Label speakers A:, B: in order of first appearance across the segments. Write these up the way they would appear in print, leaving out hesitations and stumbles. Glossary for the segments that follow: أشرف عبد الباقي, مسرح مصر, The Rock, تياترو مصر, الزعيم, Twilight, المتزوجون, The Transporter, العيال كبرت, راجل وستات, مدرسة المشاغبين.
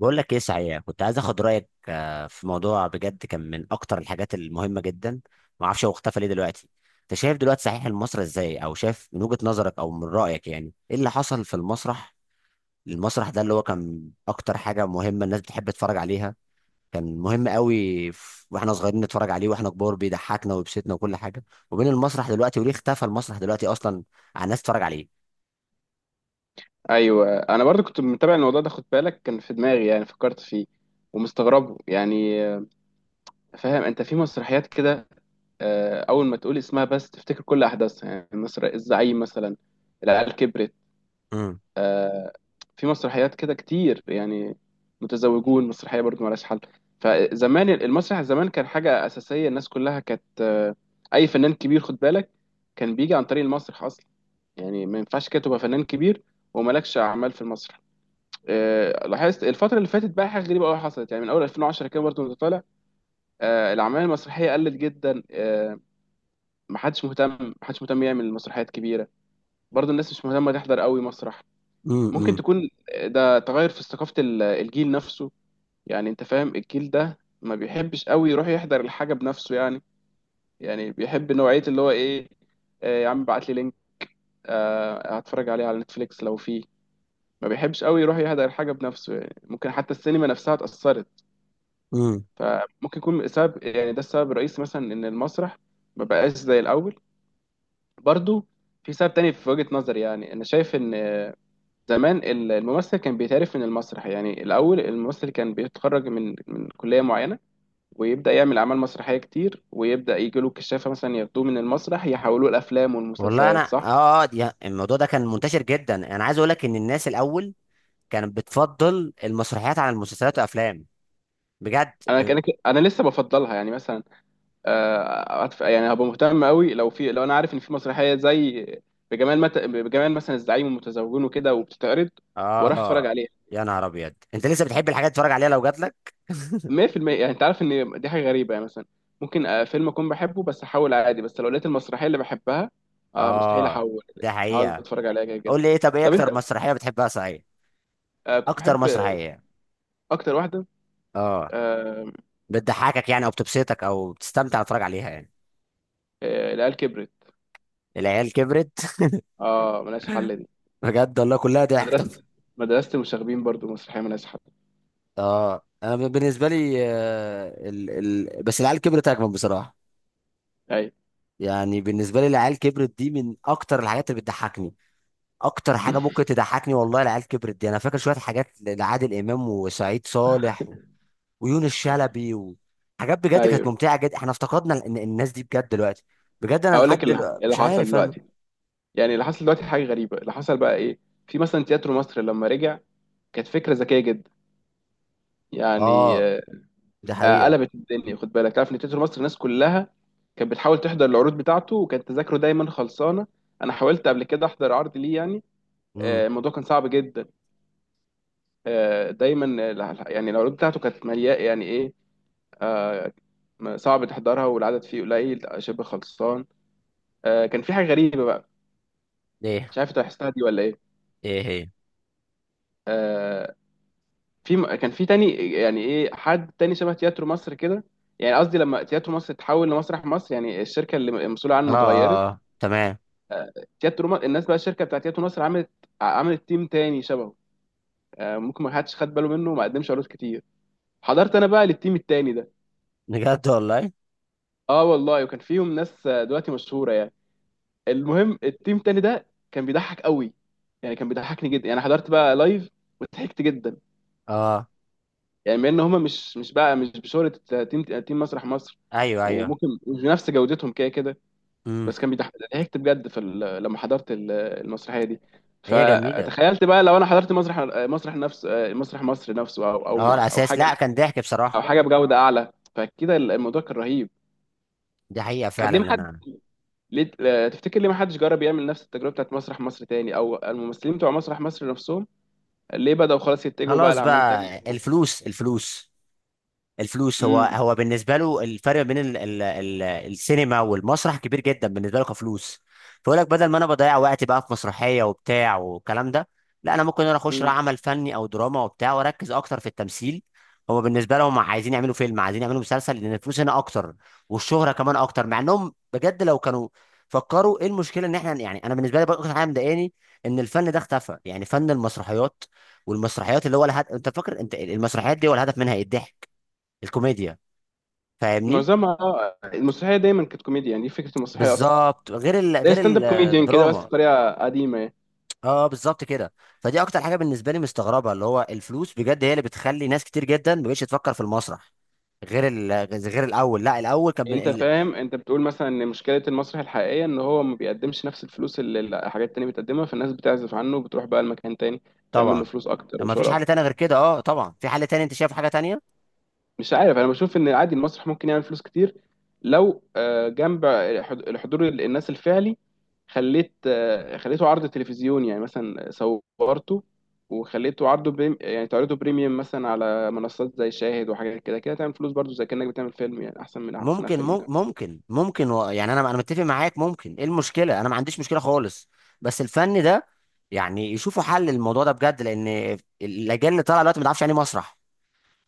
A: بقول لك ايه صحيح، كنت عايز اخد رايك. في موضوع بجد كان من اكتر الحاجات المهمه جدا. ما اعرفش هو اختفى ليه دلوقتي. انت شايف دلوقتي صحيح المسرح ازاي او شايف من وجهه نظرك او من رايك؟ يعني ايه اللي حصل في المسرح؟ المسرح ده اللي هو كان اكتر حاجه مهمه الناس بتحب تتفرج عليها، كان مهم قوي. واحنا صغيرين نتفرج عليه واحنا كبار بيضحكنا ويبسطنا وكل حاجه. وبين المسرح دلوقتي وليه اختفى المسرح دلوقتي اصلا على الناس تتفرج عليه.
B: ايوه، انا برضو كنت متابع الموضوع ده، خد بالك، كان في دماغي يعني فكرت فيه ومستغربه يعني. فاهم انت، في مسرحيات كده. اول ما تقول اسمها بس تفتكر كل احداثها، يعني مصر، الزعيم مثلا، العيال كبرت.
A: امم
B: آه، في مسرحيات كده كتير يعني، متزوجون مسرحيه برضو ملهاش حل. فزمان المسرح، زمان كان حاجه اساسيه، الناس كلها كانت... اي فنان كبير، خد بالك، كان بيجي عن طريق المسرح اصلا. يعني ما ينفعش كده تبقى فنان كبير ومالكش اعمال في المسرح. لاحظت الفترة اللي فاتت بقى حاجة غريبة قوي حصلت، يعني من أول 2010 كده برضه وأنت طالع. الأعمال المسرحية قلت جدا. محدش مهتم يعمل مسرحيات كبيرة. برضه الناس مش مهتمة تحضر قوي مسرح. ممكن تكون ده تغير في ثقافة الجيل نفسه. يعني أنت فاهم، الجيل ده ما بيحبش قوي يروح يحضر الحاجة بنفسه يعني. يعني بيحب نوعية اللي هو إيه. يا عم ابعت لي لينك. هتفرج عليه على نتفليكس لو فيه. ما بيحبش قوي يروح يحضر الحاجة بنفسه، يعني ممكن حتى السينما نفسها اتأثرت.
A: امم
B: فممكن يكون السبب، يعني ده السبب الرئيسي مثلا، ان المسرح ما بقاش زي الاول. برضو في سبب تاني في وجهة نظري. يعني انا شايف ان زمان الممثل كان بيتعرف من المسرح. يعني الاول الممثل كان بيتخرج من كلية معينة، ويبدأ يعمل اعمال مسرحية كتير، ويبدأ يجي له كشافة مثلا ياخدوه من المسرح، يحولوه الافلام
A: والله
B: والمسلسلات،
A: انا
B: صح؟
A: الموضوع ده كان منتشر جدا، انا عايز اقول لك ان الناس الاول كانت بتفضل المسرحيات عن المسلسلات والافلام بجد.
B: انا
A: ب-
B: انا انا لسه بفضلها يعني مثلا. يعني هبقى مهتم قوي لو في، لو انا عارف ان في مسرحيه، زي بجمال مثلا، الزعيم والمتزوجون وكده، وبتتعرض، واروح اتفرج
A: اه،
B: عليها.
A: يا نهار ابيض، انت لسه بتحب الحاجات تتفرج عليها لو جات لك؟
B: 100%. يعني انت عارف ان دي حاجه غريبه يعني مثلا، ممكن فيلم اكون بحبه بس احاول عادي، بس لو لقيت المسرحيه اللي بحبها، مستحيل
A: اه،
B: احول.
A: ده
B: هقعد
A: حقيقة.
B: اتفرج عليها كده كده.
A: قول لي ايه، طب ايه
B: طب
A: اكتر
B: انت،
A: مسرحية بتحبها صحيح؟
B: كنت
A: اكتر
B: بحب
A: مسرحية؟
B: اكتر واحده...
A: اه،
B: آه
A: بتضحكك يعني او بتبسطك او بتستمتع تتفرج عليها يعني؟
B: العيال كبرت.
A: العيال كبرت.
B: اه، ملهاش حل دي.
A: بجد والله كلها ضحك. طب
B: مدرسه، مدرسه المشاغبين برضو مسرحيه ملهاش حل.
A: اه، انا بالنسبة لي بس العيال كبرت اجمل بصراحة.
B: ايوه.
A: يعني بالنسبه لي العيال كبرت دي من اكتر الحاجات اللي بتضحكني. اكتر حاجه ممكن تضحكني والله العيال كبرت دي. انا فاكر شويه حاجات لعادل امام وسعيد صالح ويونس شلبي وحاجات بجد كانت
B: ايوه،
A: ممتعه جدا. احنا افتقدنا الناس دي بجد دلوقتي. بجد انا
B: هقول لك
A: لحد
B: اللي
A: دلوقتي
B: اللي
A: مش
B: حصل
A: عارف انا.
B: دلوقتي. يعني اللي حصل دلوقتي حاجه غريبه. اللي حصل بقى ايه؟ في مثلا تياترو مصر لما رجع، كانت فكره ذكيه جدا يعني.
A: اه، ده حقيقه.
B: قلبت الدنيا. خد بالك، تعرف ان تياترو مصر الناس كلها كانت بتحاول تحضر العروض بتاعته، وكانت تذاكره دايما خلصانه. انا حاولت قبل كده احضر عرض ليه يعني.
A: امم.
B: الموضوع كان صعب جدا. دايما يعني العروض بتاعته كانت مليئه يعني ايه. آه، صعب تحضرها والعدد فيه قليل شبه خلصان. كان في حاجه غريبه بقى. مش
A: ايه؟
B: عارف انت لاحظتها دي ولا ايه.
A: ايه هي؟
B: آه، في كان في تاني، يعني ايه، حد تاني شبه تياترو مصر كده. يعني قصدي، لما تياترو مصر اتحول لمسرح مصر، يعني الشركه اللي المسؤوله
A: اه
B: عنه اتغيرت.
A: اه اه، تمام.
B: الناس بقى، الشركه بتاعت تياترو مصر عملت عملت تيم تاني شبهه. ممكن ما حدش خد باله منه وما قدمش عروض كتير. حضرت انا بقى للتيم التاني ده.
A: بجد والله.
B: اه والله، وكان فيهم ناس دلوقتي مشهوره يعني. المهم التيم التاني ده كان بيضحك قوي، يعني كان بيضحكني جدا. يعني حضرت بقى لايف وضحكت جدا.
A: اه.
B: يعني بما ان هم مش بقى مش بشهرة تيم مسرح مصر،
A: ايوه ايوه.
B: وممكن مش بنفس جودتهم كده كده،
A: امم.
B: بس كان بيضحكت بجد. في لما حضرت المسرحية دي،
A: هي جميله.
B: فتخيلت بقى لو انا حضرت مسرح مصر نفسه، او او
A: اه،
B: او
A: الاساس
B: حاجة،
A: لا، كان ضحك
B: او
A: بصراحه.
B: حاجة بجودة اعلى، فكده الموضوع كان رهيب.
A: دي حقيقه
B: طب
A: فعلا،
B: ليه ما حد،
A: انا.
B: ليه، تفتكر ليه ما حدش جرب يعمل نفس التجربة بتاعت مسرح مصر تاني، او الممثلين بتوع مسرح مصر نفسهم ليه بدأوا خلاص يتجهوا بقى
A: خلاص
B: لأعمال تانية
A: بقى،
B: و...
A: الفلوس الفلوس. الفلوس هو هو بالنسبه له الفرق بين ال السينما والمسرح كبير جدا بالنسبه له كفلوس. فيقول لك بدل ما انا بضيع وقتي بقى في مسرحيه وبتاع والكلام ده، لا انا ممكن اخش بقى
B: امم.
A: عمل فني او دراما وبتاع واركز اكتر في التمثيل. هو بالنسبه لهم عايزين يعملوا فيلم، عايزين يعملوا مسلسل، لان الفلوس هنا اكتر والشهره كمان اكتر. مع انهم بجد لو كانوا فكروا، ايه المشكله ان احنا؟ يعني انا بالنسبه لي برضه اكتر حاجه مضايقاني ان الفن ده اختفى، يعني فن المسرحيات. والمسرحيات اللي هو الهدف، انت فاكر انت المسرحيات دي هو الهدف منها ايه؟ الضحك، الكوميديا. فاهمني؟
B: معظمها المسرحيه دايما كانت كوميديا، يعني دي فكره المسرحيه اصلا.
A: بالظبط، غير
B: زي
A: غير
B: ستاند اب كوميديان كده، بس
A: الدراما.
B: بطريقه قديمه يعني.
A: اه بالظبط كده. فدي اكتر حاجه بالنسبه لي مستغربها، اللي هو الفلوس بجد هي اللي بتخلي ناس كتير جدا ما بقتش تفكر في المسرح، غير غير الاول. لا، الاول كان من
B: انت فاهم، انت بتقول مثلا ان مشكله المسرح الحقيقيه ان هو ما بيقدمش نفس الفلوس اللي الحاجات التانيه بتقدمها، فالناس بتعزف عنه وبتروح بقى لمكان تاني تعمل له
A: طبعا.
B: فلوس اكتر
A: ما فيش
B: وشهره.
A: حل تاني غير كده؟ اه طبعا في حل تاني. انت شايف حاجه تانية؟
B: مش عارف، انا بشوف ان عادي المسرح ممكن يعمل فلوس كتير. لو جنب الحضور الناس الفعلي، خليت خليته عرض تلفزيوني يعني مثلا، صورته وخليته عرضه بريم، يعني تعرضه بريميوم مثلا على منصات زي شاهد وحاجات كده، كده تعمل فلوس برضو، زي كأنك بتعمل فيلم يعني، احسن من احسن
A: ممكن
B: فيلم
A: مم-
B: كمان.
A: ممكن ممكن يعني، انا متفق معاك. ممكن. ايه المشكله؟ انا ما عنديش مشكله خالص بس الفن ده، يعني يشوفوا حل للموضوع ده بجد. لان الاجيال اللي طالعه دلوقتي ما تعرفش يعني إيه مسرح.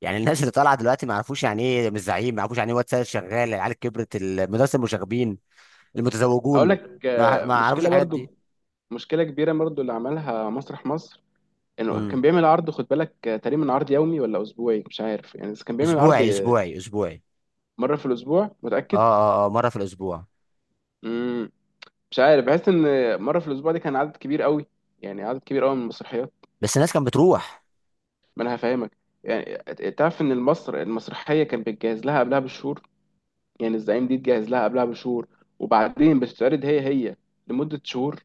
A: يعني الناس اللي طالعه دلوقتي ما يعرفوش يعني ايه مش زعيم، ما يعرفوش يعني ايه واد سيد شغال، العيال كبرت، المدرسه المشاغبين،
B: اقول
A: المتزوجون.
B: لك
A: ما ما يعرفوش
B: مشكلة
A: الحاجات دي.
B: برضو، مشكلة كبيرة برضو اللي عملها مسرح مصر، انه كان
A: امم.
B: بيعمل عرض، خد بالك تقريبا عرض يومي ولا اسبوعي، مش عارف يعني، بس كان بيعمل عرض
A: اسبوعي اسبوعي اسبوعي.
B: مرة في الاسبوع
A: اه
B: متأكد.
A: اه اه، مره في الاسبوع.
B: مم. مش عارف، بحس ان مره في الاسبوع دي كان عدد كبير قوي، يعني عدد كبير قوي من المسرحيات.
A: بس الناس كانت بتروح.
B: ما انا هفهمك. يعني تعرف ان المصر المسرحيه كان بتجهز لها قبلها بشهور، يعني الزعيم دي تجهز لها قبلها بشهور، وبعدين بتتعرض هي لمده شهور.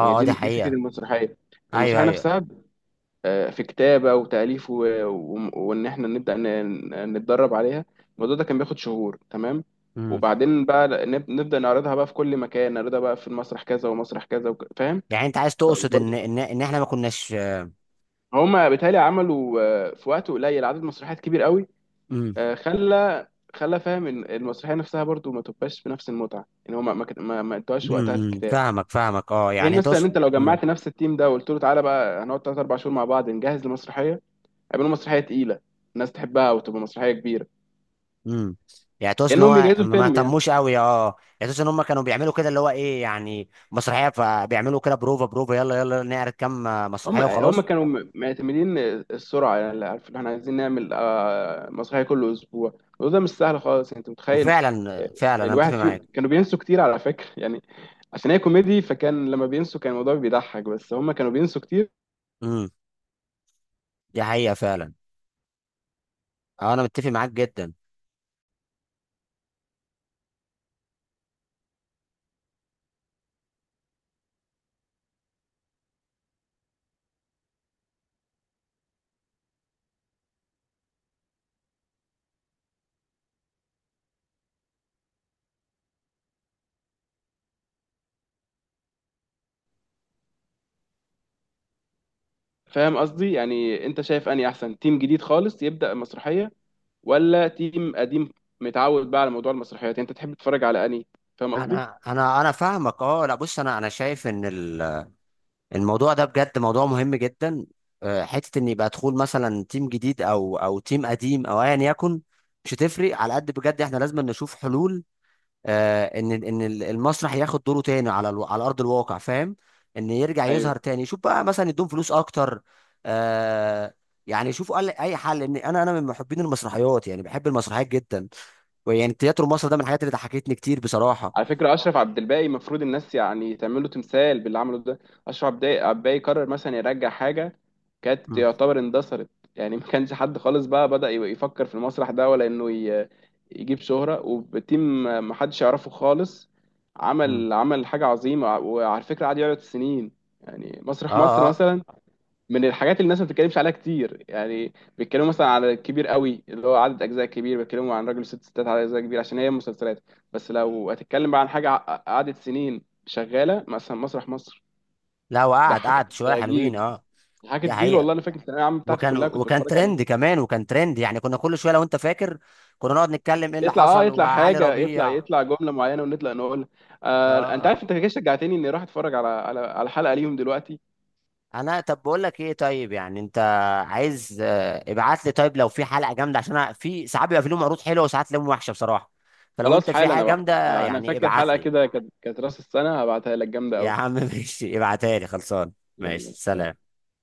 B: يعني
A: اه، دي
B: دي فكره
A: حقيقه.
B: المسرحيه،
A: ايوه
B: المسرحيه
A: ايوه.
B: نفسها. في كتابه وتاليف وان احنا نبدا نتدرب عليها. الموضوع ده كان بياخد شهور، تمام.
A: امم.
B: وبعدين بقى نبدا نعرضها بقى في كل مكان، نعرضها بقى في المسرح كذا، ومسرح كذا، فاهم.
A: يعني انت عايز تقصد ان
B: برضه
A: احنا ما كناش.
B: هما بيتهيألي عملوا في وقت قليل عدد مسرحيات كبير قوي.
A: امم
B: آه، خلى خلى فاهم إن المسرحيه نفسها برضو ما تبقاش بنفس المتعه، ان هما ما ادوهاش وقتها في
A: أمم.
B: الكتاب.
A: فاهمك فاهمك. اه،
B: لان
A: يعني انت
B: مثلا
A: تقصد.
B: انت لو جمعت نفس التيم ده، وقلت له تعالى بقى هنقعد 3 4 شهور مع بعض نجهز لمسرحيه، هيعملوا مسرحيه تقيله الناس تحبها وتبقى مسرحيه كبيره،
A: امم. يعني تقصد ان هو
B: كانهم بيجهزوا
A: ما ما
B: فيلم يعني.
A: اهتموش قوي. اه، يعني تقصد ان هم كانوا بيعملوا كده اللي هو ايه، يعني مسرحيه فبيعملوا كده بروفا بروفا يلا يلا نعرض كام مسرحيه
B: هما
A: وخلاص.
B: كانوا معتمدين السرعه، يعني اللي عارف، اللي احنا عايزين نعمل مسرحيه كل اسبوع، وده مش سهل خالص يعني، انت متخيل. آه،
A: وفعلا فعلا انا متفق
B: الواحد فيهم
A: معاك.
B: كانوا بينسوا كتير على فكرة يعني، عشان هي كوميدي، فكان لما بينسوا كان الموضوع بيضحك، بس هما كانوا بينسوا كتير.
A: امم. دي حقيقه فعلا. اه انا متفق معاك جدا.
B: فاهم قصدي، يعني انت شايف اني احسن تيم جديد خالص يبدأ المسرحية، ولا تيم قديم متعود بقى على موضوع المسرحيات، يعني انت تحب تتفرج على اني، فاهم قصدي.
A: انا فاهمك. اه لا بص، انا شايف ان الموضوع ده بجد موضوع مهم جدا. حته ان يبقى دخول مثلا تيم جديد او تيم قديم او ايا يكن مش هتفرق على قد بجد. احنا لازم نشوف حلول. ان المسرح ياخد دوره تاني على على ارض الواقع، فاهم؟ ان يرجع
B: ايوه.
A: يظهر تاني، يشوف بقى مثلا يدوم فلوس اكتر. آه يعني يشوفوا اي حل. ان انا انا من محبين المسرحيات يعني بحب المسرحيات جدا. ويعني تياترو مصر ده من الحاجات اللي ضحكتني كتير
B: على
A: بصراحه.
B: فكرة أشرف عبد الباقي المفروض الناس يعني تعمل له تمثال باللي عمله ده. أشرف عبد الباقي قرر مثلا يرجع حاجة كانت
A: مم.
B: يعتبر اندثرت، يعني ما كانش حد خالص بقى بدأ يبقى يفكر في المسرح ده، ولا إنه يجيب شهرة، وتيم ما حدش يعرفه خالص.
A: مم.
B: عمل حاجة عظيمة، وعلى فكرة قعد يعرض سنين، يعني
A: اه
B: مسرح مصر
A: اه،
B: مثلا من الحاجات اللي الناس ما بتتكلمش عليها كتير. يعني بيتكلموا مثلا على الكبير قوي، اللي هو عدد اجزاء كبير، بيتكلموا عن راجل وست ستات على اجزاء كبير عشان هي مسلسلات، بس لو هتتكلم بقى عن حاجه قعدت سنين شغاله مثلا مسرح مصر.
A: لا وقعد،
B: ضحكت
A: قعد شويه حلوين.
B: جيل
A: اه
B: ضحكت
A: دي
B: جيل
A: حقيقه.
B: والله. انا فاكر الثانويه العامه بتاعتي
A: وكان
B: كلها كنت
A: وكان
B: بتفرج عليه.
A: ترند كمان، وكان ترند، يعني كنا كل شويه لو انت فاكر كنا نقعد نتكلم ايه اللي حصل
B: يطلع
A: وعلي
B: حاجه، يطلع
A: ربيع.
B: يطلع جمله معينه ونطلع نقول. انت
A: اه.
B: عارف، انت كده شجعتني اني اروح اتفرج على حلقه ليهم دلوقتي.
A: انا طب بقول لك ايه، طيب يعني انت عايز ابعت لي طيب لو في حلقه جامده، عشان أنا في ساعات بيبقى في لهم عروض حلوه وساعات لهم وحشه بصراحه. فلو
B: خلاص
A: انت في
B: حالا انا
A: حاجه
B: بقى
A: جامده
B: انا
A: يعني
B: فاكر
A: ابعت
B: حلقه
A: لي.
B: كده، كانت راس السنه، هبعتها لك جامده
A: يا
B: قوي.
A: عم ماشي، ابعتها لي، خلصان.
B: يلا،
A: ماشي،
B: سلام.
A: سلام.